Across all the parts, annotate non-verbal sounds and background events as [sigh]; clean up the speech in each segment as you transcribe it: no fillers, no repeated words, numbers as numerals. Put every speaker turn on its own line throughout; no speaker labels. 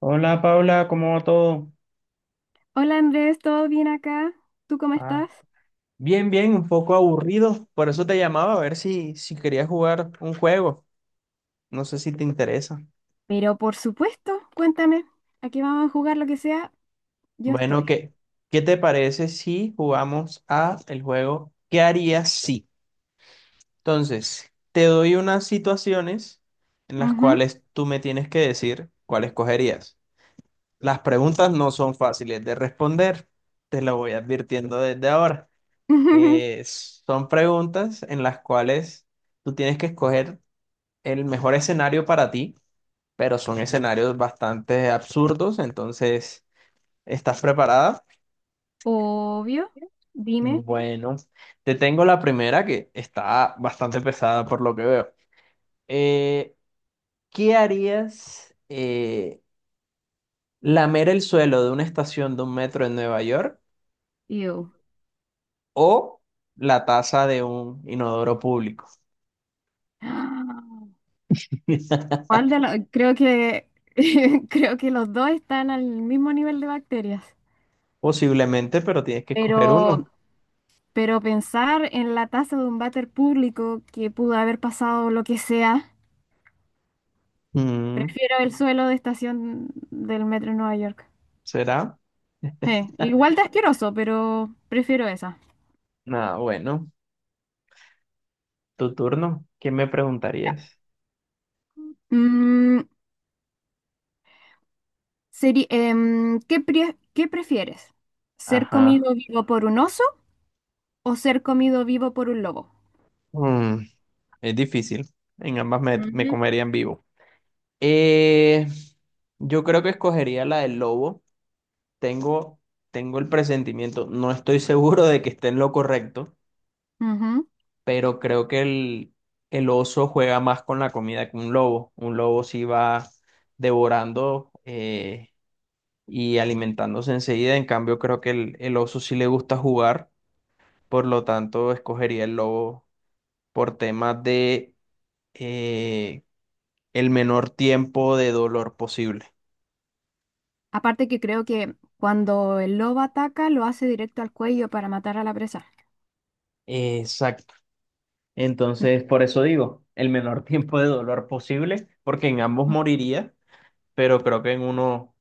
Hola Paula, ¿cómo va todo?
Hola Andrés, ¿todo bien acá? ¿Tú cómo
Ah,
estás?
bien, bien, un poco aburrido. Por eso te llamaba a ver si querías jugar un juego. No sé si te interesa.
Pero por supuesto, cuéntame, aquí vamos a jugar lo que sea, yo
Bueno,
estoy.
¿qué te parece si jugamos a el juego ¿Qué harías si? Entonces, te doy unas situaciones en las
Ujú.
cuales tú me tienes que decir cuál escogerías. Las preguntas no son fáciles de responder. Te lo voy advirtiendo desde ahora.
[laughs]
Son preguntas en las cuales tú tienes que escoger el mejor escenario para ti, pero son escenarios bastante absurdos, entonces, ¿estás preparada?
Obvio, dime,
Bueno, te tengo la primera que está bastante pesada por lo que veo. Eh, ¿Qué harías? ¿Lamer el suelo de una estación de un metro en Nueva York
yo.
o la taza de un inodoro público?
[gasps]
[laughs]
¿Cuál de los? Creo que [laughs] creo que los dos están al mismo nivel de bacterias.
Posiblemente, pero tienes que escoger
Pero,
uno.
pero pensar en la taza de un váter público que pudo haber pasado lo que sea,
Mm.
prefiero el suelo de estación del metro de Nueva York.
¿Será?
Igual de asqueroso, pero prefiero esa.
Nada, bueno, tu turno. ¿Qué me
Ya.
preguntarías?
Mm, ¿Qué, qué prefieres? ¿Ser
Ajá.
comido vivo por un oso o ser comido vivo por un lobo?
Mm, es difícil. En ambas me
Ujú.
comerían vivo. Eh, yo creo que escogería la del lobo. Tengo, tengo el presentimiento. No estoy [laughs] seguro de que esté en lo correcto,
Ujú.
pero creo que el oso juega más con la comida que un lobo. Un lobo sí va devorando y alimentándose enseguida. En cambio, creo que el oso sí le gusta jugar. Por lo tanto, escogería el lobo por temas de eh, el menor tiempo de dolor posible.
Aparte que creo que cuando el lobo ataca lo hace directo al cuello para matar a la presa.
Exacto.
Mm.
Entonces, por eso digo, el menor [laughs] tiempo de dolor posible, porque en ambos moriría, pero creo que en uno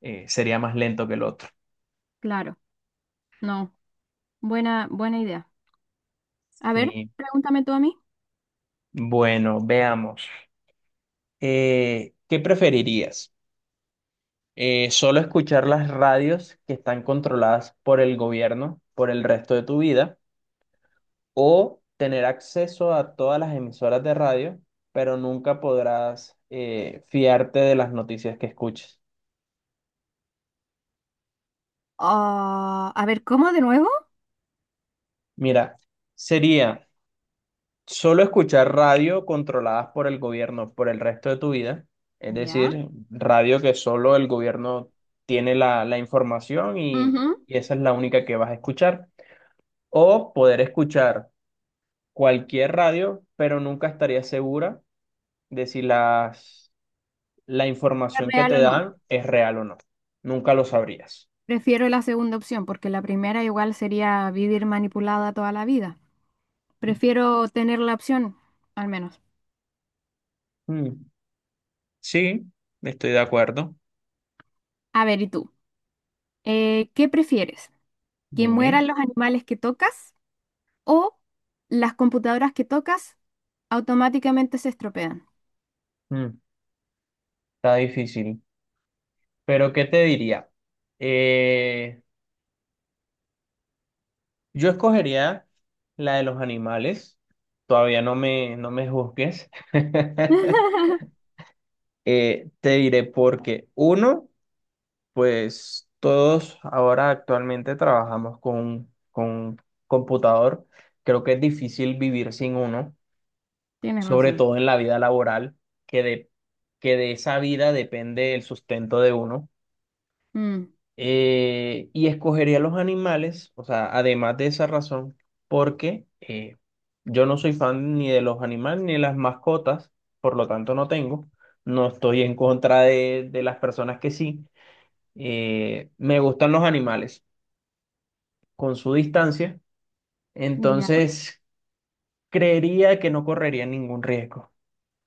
sería más lento que el otro.
Claro, no. Buena, buena idea. A ver,
Sí.
pregúntame tú a mí.
Bueno, veamos. ¿Qué preferirías? ¿Solo escuchar las radios que están controladas por el gobierno por el resto de tu vida, o tener acceso a todas las emisoras de radio, pero nunca podrás fiarte de las noticias que escuches?
Ah, a ver, ¿cómo de nuevo?
Mira, sería solo escuchar radio controladas por el gobierno por el resto de tu vida, es
Ya.
decir, radio que solo el gobierno tiene la información, y,
Ujú.
y esa es la única que vas a escuchar, o poder escuchar cualquier radio, pero nunca estarías segura de si las la
¿Es
información que
real
te
o no?
dan es real o no. Nunca lo sabrías.
Prefiero la segunda opción porque la primera igual sería vivir manipulada toda la vida. Prefiero tener la opción, al menos.
Mm, sí, estoy de acuerdo.
A ver, ¿y tú? ¿Qué prefieres? ¿Que
Dime.
mueran los animales que tocas o las computadoras que tocas automáticamente se estropean?
Mm, Está difícil. Pero ¿qué te diría? Eh, yo escogería la de los animales. Todavía no me juzgues. [laughs]
[laughs]
Te diré porque uno, pues todos ahora actualmente trabajamos con computador. Creo que es difícil vivir sin uno.
Tienes
Sobre
razón.
todo en la vida laboral, que de, que de esa vida depende el sustento de uno.
Mm,
Y escogería los animales, o sea, además de esa razón, porque yo no soy fan ni de los animales ni de las mascotas, por lo tanto no tengo, no estoy en contra de las personas que sí. Me gustan los animales con su distancia,
ya,
entonces creería que no correría ningún riesgo,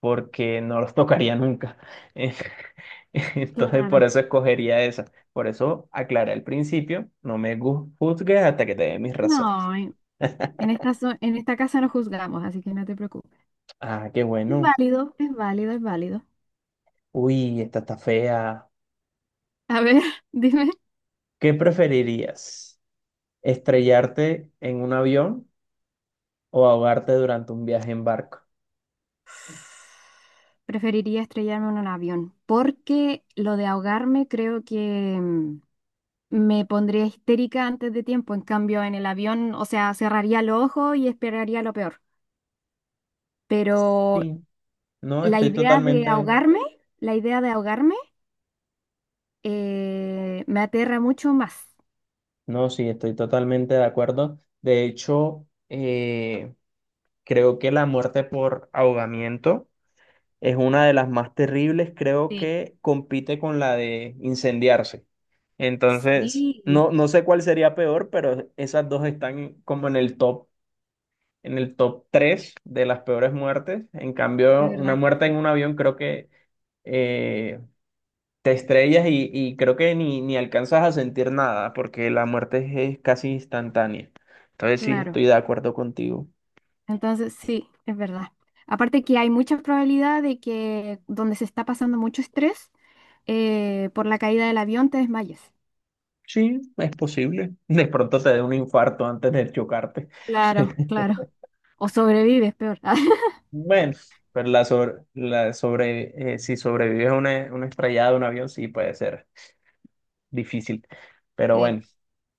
porque no los tocaría nunca. [laughs] [laughs] Entonces, por
claro.
eso escogería esa. Por eso aclaré al principio, no me juzgues hasta que te dé mis razones.
No, en esta, en esta casa no juzgamos, así que no te preocupes.
Ah, qué
Es
bueno.
válido, es válido, es válido.
Uy, esta está fea.
A ver, [laughs] dime.
¿Qué preferirías? ¿Estrellarte en un avión o ahogarte durante un viaje en barco?
Preferiría estrellarme en un avión, porque lo de ahogarme creo que me pondría histérica antes de tiempo. En cambio, en el avión, o sea, cerraría los ojos y esperaría lo peor. Pero
Sí, no,
la
estoy
idea de
totalmente,
ahogarme, la idea de ahogarme, me aterra mucho más.
no, sí, estoy totalmente de acuerdo. De hecho, creo que la muerte por ahogamiento es una de las más terribles. Creo
Sí.
que compite con la de incendiarse. Entonces,
Sí,
no, no sé cuál sería peor, pero esas dos están como en el top 3 de las peores muertes. En
de
cambio,
verdad
una
que
muerte en
sí.
un avión creo que eh, te estrellas, y creo que ni alcanzas a sentir nada, porque la muerte es casi instantánea. Entonces, sí,
Claro.
estoy de acuerdo contigo.
Entonces, sí, es verdad. Aparte que hay mucha probabilidad de que donde se está pasando mucho estrés, por la caída del avión te desmayes.
Sí, es posible. [laughs] De pronto te dé un infarto antes de chocarte.
Claro,
[laughs]
claro. O sobrevives, peor. [laughs]
Bueno, pero si sobrevives a una estrellada de un avión, sí puede ser difícil. Pero
Sí,
bueno,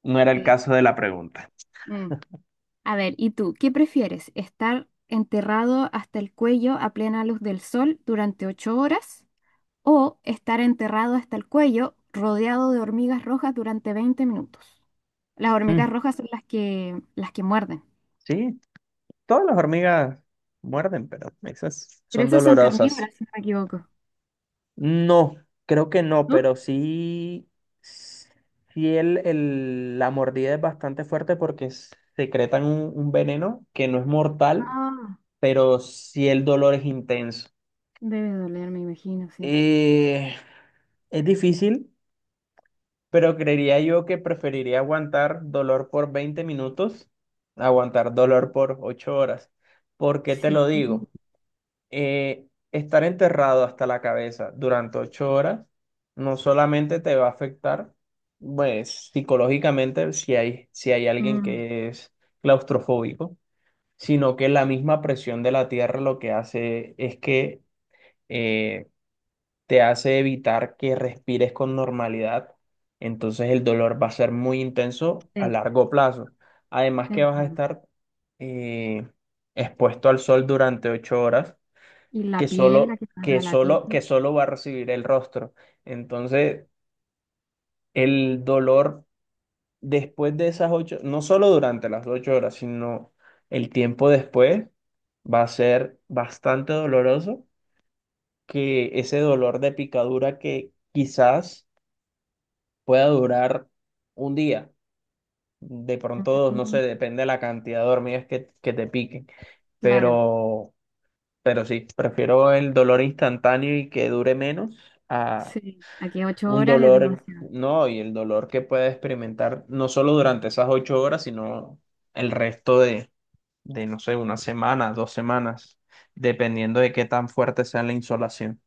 no era el
sí.
caso de la pregunta.
Mm. A ver, ¿y tú qué prefieres? ¿Estar enterrado hasta el cuello a plena luz del sol durante 8 horas o estar enterrado hasta el cuello rodeado de hormigas rojas durante 20 minutos? Las hormigas
Mm,
rojas son las que muerden.
sí, todas las hormigas muerden, pero esas
Pero
son
esas son
dolorosas.
carnívoras, si no me equivoco,
No, creo que no,
¿no?
pero sí, sí la mordida es bastante fuerte porque secretan un veneno que no es mortal,
Ah,
pero sí el dolor es intenso.
debe doler, me imagino, sí.
Eh, es difícil. Pero creería yo que preferiría aguantar dolor por 20 minutos, a aguantar dolor por 8 horas. ¿Por qué te
Sí.
lo digo? Eh, Estar enterrado hasta la cabeza durante 8 horas no solamente te va a afectar, pues, psicológicamente, si hay alguien
Mm,
que es claustrofóbico, sino que la misma presión de la tierra lo que hace es que eh, te hace evitar que respires con normalidad. Entonces el dolor va a ser muy intenso a
sí,
largo plazo. Además que
es
vas a
verdad.
estar eh, expuesto al sol durante 8 horas,
Y la
que
piel, la
solo,
que
que
salga la piel.
solo, que solo va a recibir el rostro. Entonces, el dolor después de esas ocho, no solo durante las 8 horas, sino el tiempo después, va a ser bastante doloroso. Que ese dolor de picadura que quizás pueda durar 1 día. De pronto, dos, no sé,
Mm,
depende de la cantidad de hormigas que te piquen.
claro,
Pero, pero sí, prefiero el dolor instantáneo y que dure menos, a
sí. Aquí ocho
un
horas es
dolor,
demasiado.
no, y el dolor que pueda experimentar no solo durante esas 8 horas, sino el resto de, no sé, 1 semana, 2 semanas, dependiendo de qué tan fuerte sea la insolación.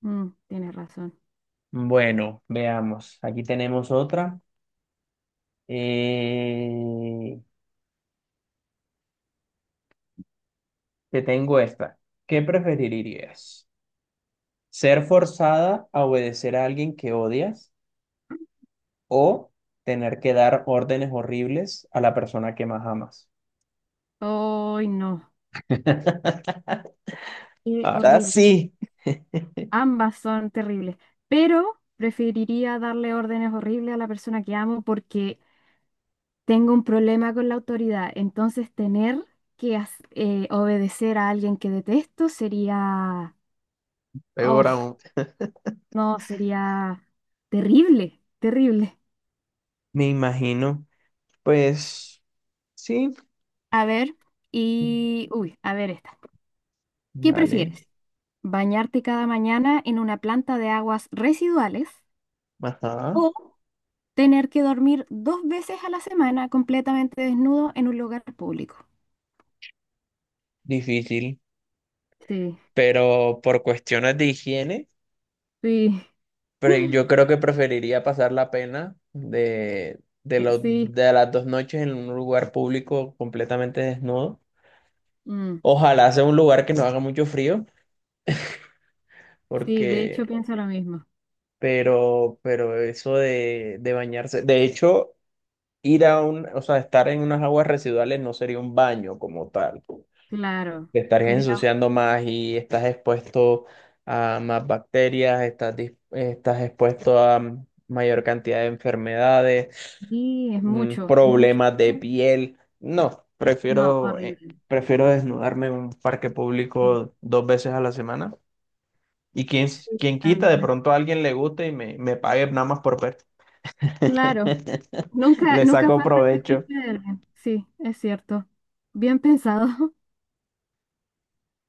Mm, tienes razón.
Bueno, veamos. Aquí tenemos otra. Eh, Te tengo esta. ¿Qué preferirías? ¿Ser forzada a obedecer a alguien que odias o tener que dar órdenes horribles a la persona que más amas?
¡Ay, no!
[laughs]
Qué
Ahora
horrible.
sí.
Ambas son terribles. Pero preferiría darle órdenes horribles a la persona que amo porque tengo un problema con la autoridad, entonces tener que obedecer a alguien que detesto sería,
Peor
oh,
aún.
no, sería terrible, terrible.
Me imagino. Pues sí,
A ver, y, uy, a ver esta. ¿Qué
vale.
prefieres? ¿Bañarte cada mañana en una planta de aguas residuales
Ajá,
o tener que dormir dos veces a la semana completamente desnudo en un lugar público?
difícil.
Sí,
Pero por cuestiones de higiene.
sí,
Pero yo
[laughs]
creo que preferiría pasar la pena
sí,
de las 2 noches en un lugar público completamente desnudo.
mm,
Ojalá sea un lugar que no haga mucho frío,
sí, de hecho
porque,
pienso lo mismo.
pero eso de bañarse, de hecho, ir a un, o sea, estar en unas aguas residuales no sería un baño como tal.
Claro,
Te estarías
sería,
ensuciando más y estás expuesto a más bacterias. Estás, estás expuesto a mayor cantidad de enfermedades,
sí es mucho, es mucho.
problemas de piel. No,
No,
prefiero,
horrible.
prefiero desnudarme en un parque
Sí,
público 2 veces a la semana. Y
sí,
quién quita, de
también.
pronto a alguien le guste y me pague nada más por ver.
Claro,
[laughs]
nunca,
Le
nunca
saco
falta el
provecho.
fetiche de alguien. Sí, es cierto. Bien pensado.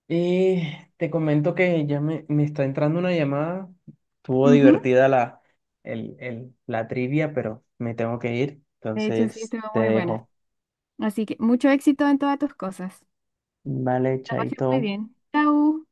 Y te comento que ya me está entrando una llamada. Estuvo
[laughs] Ujú.
divertida la trivia, pero me tengo que ir.
De hecho, sí,
Entonces
estuvo
te
muy buena.
dejo.
Así que mucho éxito en todas tus cosas.
Vale,
La pasé
chaito.
muy bien. Chau.